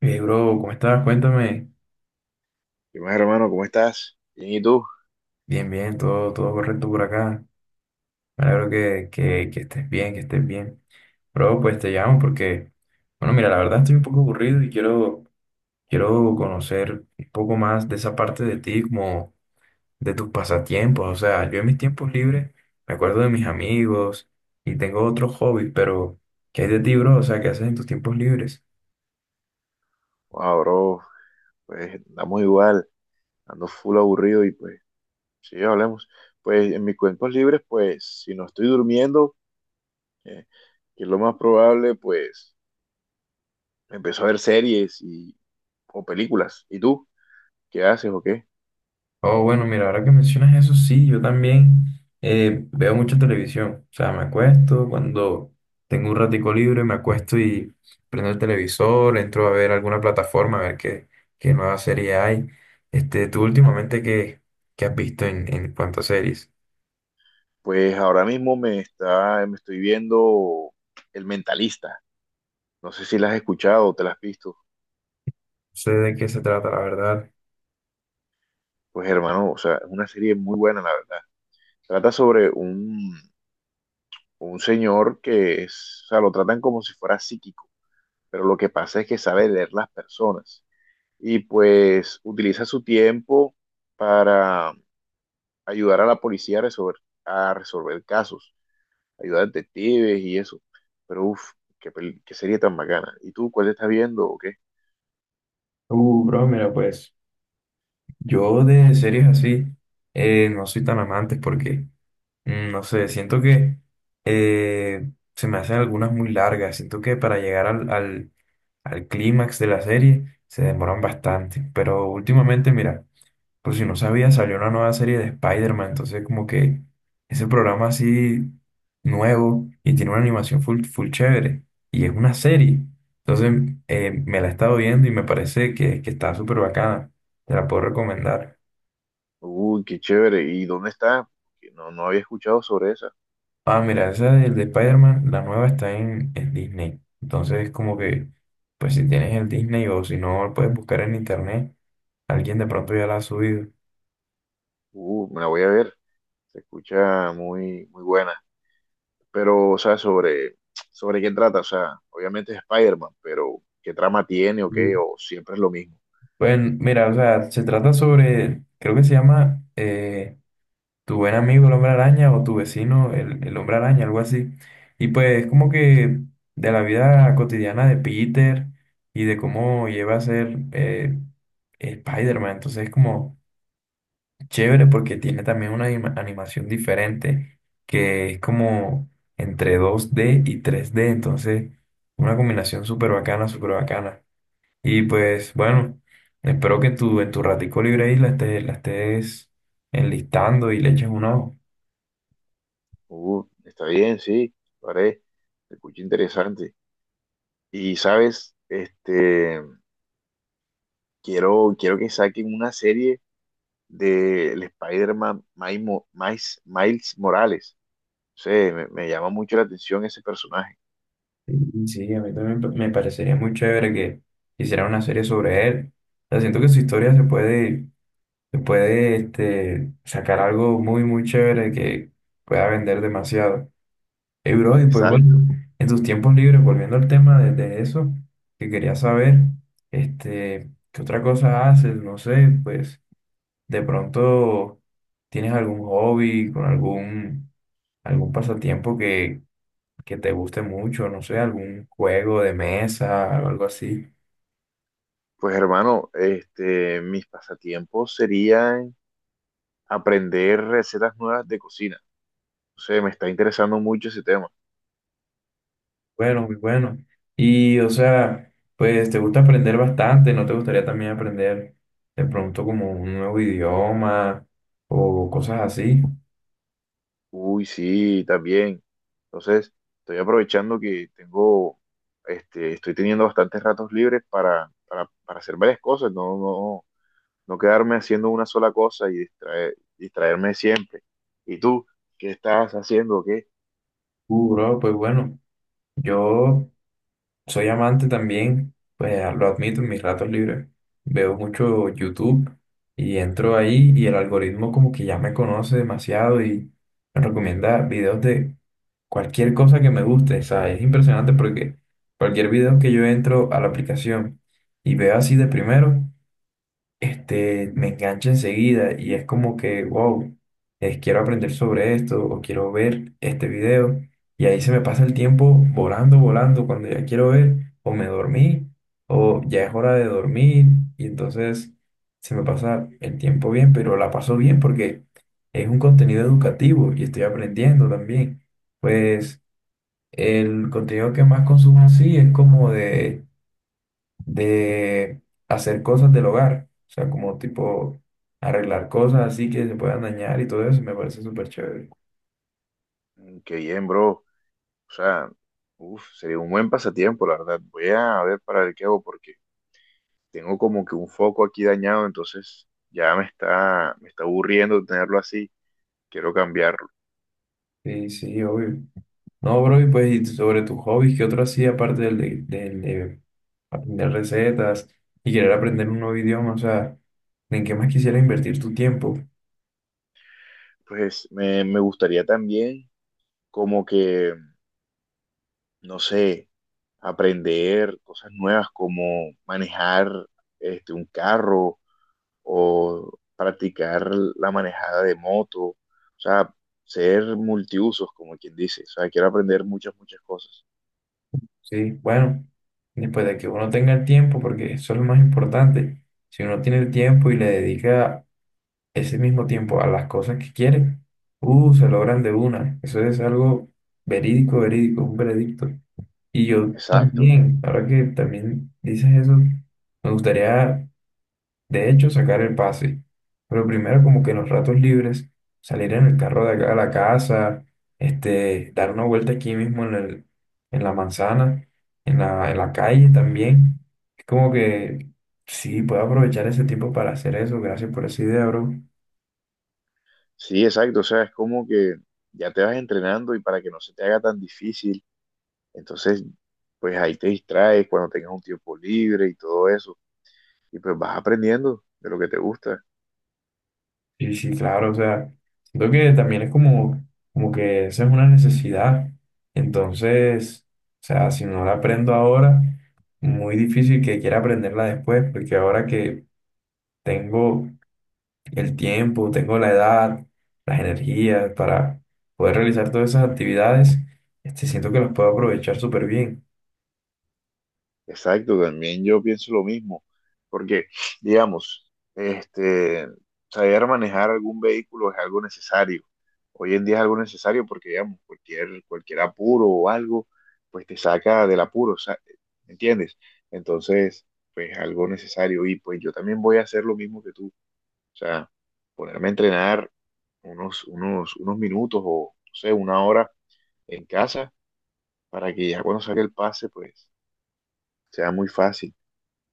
Hey, bro, ¿cómo estás? Cuéntame. Y más, hermano, ¿cómo estás? Bien, ¿y tú? Bien, bien, todo correcto por acá. Me alegro que estés bien, que estés bien. Bro, pues te llamo porque, bueno, mira, la verdad estoy un poco aburrido y quiero conocer un poco más de esa parte de ti, como de tus pasatiempos. O sea, yo en mis tiempos libres me acuerdo de mis amigos y tengo otros hobbies, pero ¿qué hay de ti, bro? O sea, ¿qué haces en tus tiempos libres? Wow, bro, pues andamos igual, ando full aburrido y pues, sí, hablemos. Pues en mis cuentos libres, pues, si no estoy durmiendo, eh, que es lo más probable, pues, empiezo a ver series y, o películas. ¿Y tú? ¿Qué haces o qué? Oh, bueno, mira, ahora que mencionas eso, sí, yo también veo mucha televisión. O sea, me acuesto cuando tengo un ratico libre, me acuesto y prendo el televisor, entro a ver alguna plataforma, a ver qué nueva serie hay. Este, tú últimamente, ¿ qué has visto en cuanto a series? Pues ahora mismo me estoy viendo El Mentalista. No sé si la has escuchado o te la has visto. No sé de qué se trata, la verdad. Pues hermano, o sea, es una serie muy buena, la verdad. Trata sobre un señor que es, o sea, lo tratan como si fuera psíquico, pero lo que pasa es que sabe leer las personas y pues utiliza su tiempo para ayudar a la policía a resolver casos, ayudar a detectives y eso. Pero uff, qué serie tan bacana. ¿Y tú cuál estás viendo o qué? Bro, mira, pues yo de series así no soy tan amante porque no sé, siento que se me hacen algunas muy largas. Siento que para llegar al clímax de la serie se demoran bastante. Pero últimamente, mira, por si no sabía, salió una nueva serie de Spider-Man. Entonces, como que ese programa así nuevo y tiene una animación full chévere. Y es una serie. Entonces, me la he estado viendo y me parece que está súper bacana. Te la puedo recomendar. Uy, qué chévere. ¿Y dónde está? Porque no, no había escuchado sobre esa. Ah, mira, esa del de Spider-Man, la nueva está en Disney. Entonces, como que, pues si tienes el Disney o si no, puedes buscar en internet. Alguien de pronto ya la ha subido. Me la voy a ver. Se escucha muy, muy buena. Pero, o sea, sobre qué trata, o sea, obviamente es Spider-Man, pero ¿qué trama tiene o qué? Mm. ¿O siempre es lo mismo? Pues mira, o sea, se trata sobre, creo que se llama Tu buen amigo el hombre araña o Tu vecino el hombre araña, algo así. Y pues como que de la vida cotidiana de Peter y de cómo lleva a ser Spider-Man. Entonces, como chévere porque tiene también una animación diferente que es como entre dos d y tres d entonces una combinación súper bacana, súper bacana. Y pues bueno, espero que tú en tu ratico libre ahí la estés enlistando y le eches un ojo. Está bien, sí, lo haré. Se escucha interesante. Y, ¿sabes? Este, quiero que saquen una serie del Spider-Man Miles Morales. No sé, me llama mucho la atención ese personaje. Sí, sí, a mí también me parecería muy chévere que hicieran una serie sobre él. O sea, siento que su historia se puede este, sacar algo muy, muy chévere que pueda vender demasiado. Bro, y pues bueno, Exacto. en tus tiempos libres, volviendo al tema de eso, que quería saber, este, ¿qué otra cosa haces? No sé, pues de pronto tienes algún hobby, con algún pasatiempo que te guste mucho, no sé, algún juego de mesa o algo así. Pues hermano, este, mis pasatiempos serían aprender recetas nuevas de cocina. No sé, me está interesando mucho ese tema. Bueno, muy bueno. Y o sea, pues te gusta aprender bastante, ¿no te gustaría también aprender de pronto como un nuevo idioma o cosas así? Uy, sí, también. Entonces, estoy aprovechando que tengo, este, estoy teniendo bastantes ratos libres para hacer varias cosas, no quedarme haciendo una sola cosa y distraerme siempre. ¿Y tú, qué estás haciendo? ¿Qué? Bro, pues bueno, yo soy amante también, pues ah, lo admito, en mis ratos libres veo mucho YouTube y entro ahí y el algoritmo como que ya me conoce demasiado y me recomienda videos de cualquier cosa que me guste, o sea, es impresionante porque cualquier video que yo entro a la aplicación y veo así de primero, este, me engancha enseguida y es como que, wow, quiero aprender sobre esto o quiero ver este video y ahí se me pasa el tiempo volando, volando cuando ya quiero ver o me dormí o ya es hora de dormir y entonces se me pasa el tiempo bien, pero la paso bien porque es un contenido educativo y estoy aprendiendo también. Pues el contenido que más consumo sí es como de hacer cosas del hogar, o sea, como tipo arreglar cosas así que se puedan dañar y todo eso, me parece súper chévere. Mm, qué bien, bro. O sea, uf, sería un buen pasatiempo, la verdad. Voy a ver para ver qué hago porque tengo como que un foco aquí dañado, entonces ya me está aburriendo tenerlo así. Quiero cambiarlo. Sí, sí, obvio. No, bro, y pues y sobre tus hobbies, ¿qué otro hacía aparte del de aprender recetas y querer aprender un nuevo idioma? O sea, ¿en qué más quisiera invertir tu tiempo? Pues me gustaría también como que, no sé, aprender cosas nuevas como manejar este, un carro o practicar la manejada de moto, o sea, ser multiusos, como quien dice, o sea, quiero aprender muchas, muchas cosas. Sí, bueno, después de que uno tenga el tiempo, porque eso es lo más importante. Si uno tiene el tiempo y le dedica ese mismo tiempo a las cosas que quieren. Se logran de una. Eso es algo verídico, un veredicto. Y yo Exacto, también, ahora que también dices eso, me gustaría, de hecho, sacar el pase. Pero primero, como que en los ratos libres, salir en el carro de acá a la casa, este, dar una vuelta aquí mismo en la manzana, en la calle también. Es como que sí, puedo aprovechar ese tiempo para hacer eso. Gracias por esa idea, bro. sí, exacto, o sea, es como que ya te vas entrenando y para que no se te haga tan difícil, entonces, pues ahí te distraes cuando tengas un tiempo libre y todo eso. Y pues vas aprendiendo de lo que te gusta. Sí, sí, claro, o sea, siento que también es como, como que esa es una necesidad. Entonces, o sea, si no la aprendo ahora, muy difícil que quiera aprenderla después, porque ahora que tengo el tiempo, tengo la edad, las energías para poder realizar todas esas actividades, este, siento que las puedo aprovechar súper bien. Exacto, también yo pienso lo mismo, porque, digamos, este, saber manejar algún vehículo es algo necesario. Hoy en día es algo necesario porque, digamos, cualquier apuro o algo, pues te saca del apuro, ¿entiendes? Entonces, pues algo necesario. Y pues yo también voy a hacer lo mismo que tú. O sea, ponerme a entrenar unos minutos o, no sé, una hora en casa para que ya cuando saque el pase, pues sea muy fácil.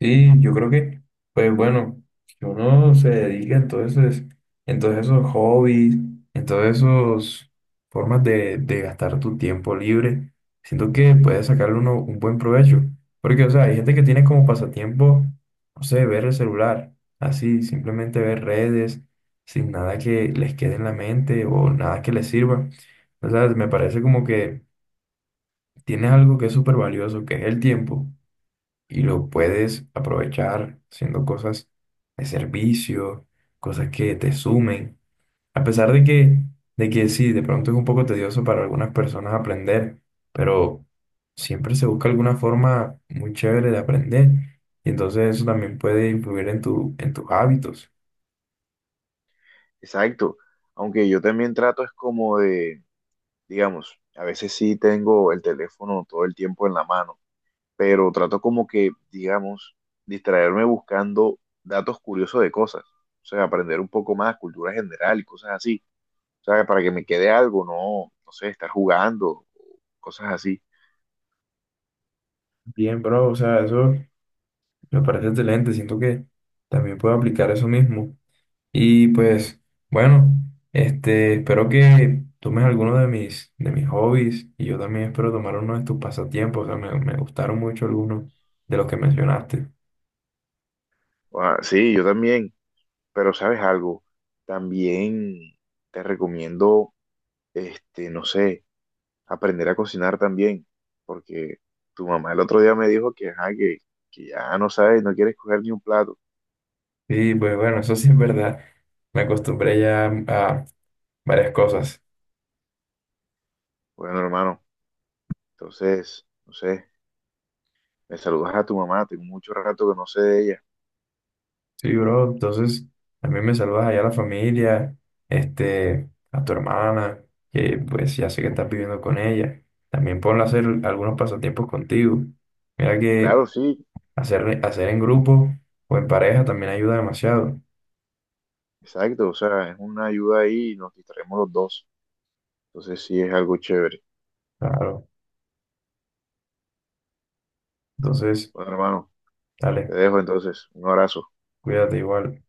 Sí, yo creo que, pues bueno, que uno se dedica entonces, en todos esos hobbies, en todas esas formas de gastar tu tiempo libre, siento que puede sacarle uno un buen provecho. Porque, o sea, hay gente que tiene como pasatiempo, no sé, ver el celular, así, simplemente ver redes, sin nada que les quede en la mente o nada que les sirva. O sea, me parece como que tienes algo que es súper valioso, que es el tiempo y lo puedes aprovechar haciendo cosas de servicio, cosas que te sumen. A pesar de que sí, de pronto es un poco tedioso para algunas personas aprender, pero siempre se busca alguna forma muy chévere de aprender. Y entonces eso también puede influir en en tus hábitos. Exacto. Aunque yo también trato es como de, digamos, a veces sí tengo el teléfono todo el tiempo en la mano, pero trato como que, digamos, distraerme buscando datos curiosos de cosas. O sea, aprender un poco más, cultura general y cosas así. O sea, para que me quede algo, no, no sé, estar jugando, cosas así. Bien, bro, o sea, eso me parece excelente. Siento que también puedo aplicar eso mismo. Y pues, bueno, este, espero que tomes alguno de mis hobbies y yo también espero tomar uno de tus pasatiempos. O sea, me gustaron mucho algunos de los que mencionaste. Ah, sí, yo también, pero ¿sabes algo? También te recomiendo, este, no sé, aprender a cocinar también, porque tu mamá el otro día me dijo que, ajá, que ya no sabes, no quieres coger ni un plato. Sí, pues bueno, eso sí es verdad. Me acostumbré ya a varias cosas. Bueno, hermano, entonces, no sé, me saludas a tu mamá, tengo mucho rato que no sé de ella. Sí, bro, entonces también me saludas allá a la familia, este, a tu hermana, que pues ya sé que estás viviendo con ella. También ponla a hacer algunos pasatiempos contigo. Mira que Claro, sí, hacer en grupo o en pareja también ayuda demasiado. exacto, o sea, es una ayuda ahí y nos distraemos los dos. Entonces sí es algo chévere. Claro. Entonces, Bueno, hermano, te dale, dejo entonces, un abrazo. cuídate igual.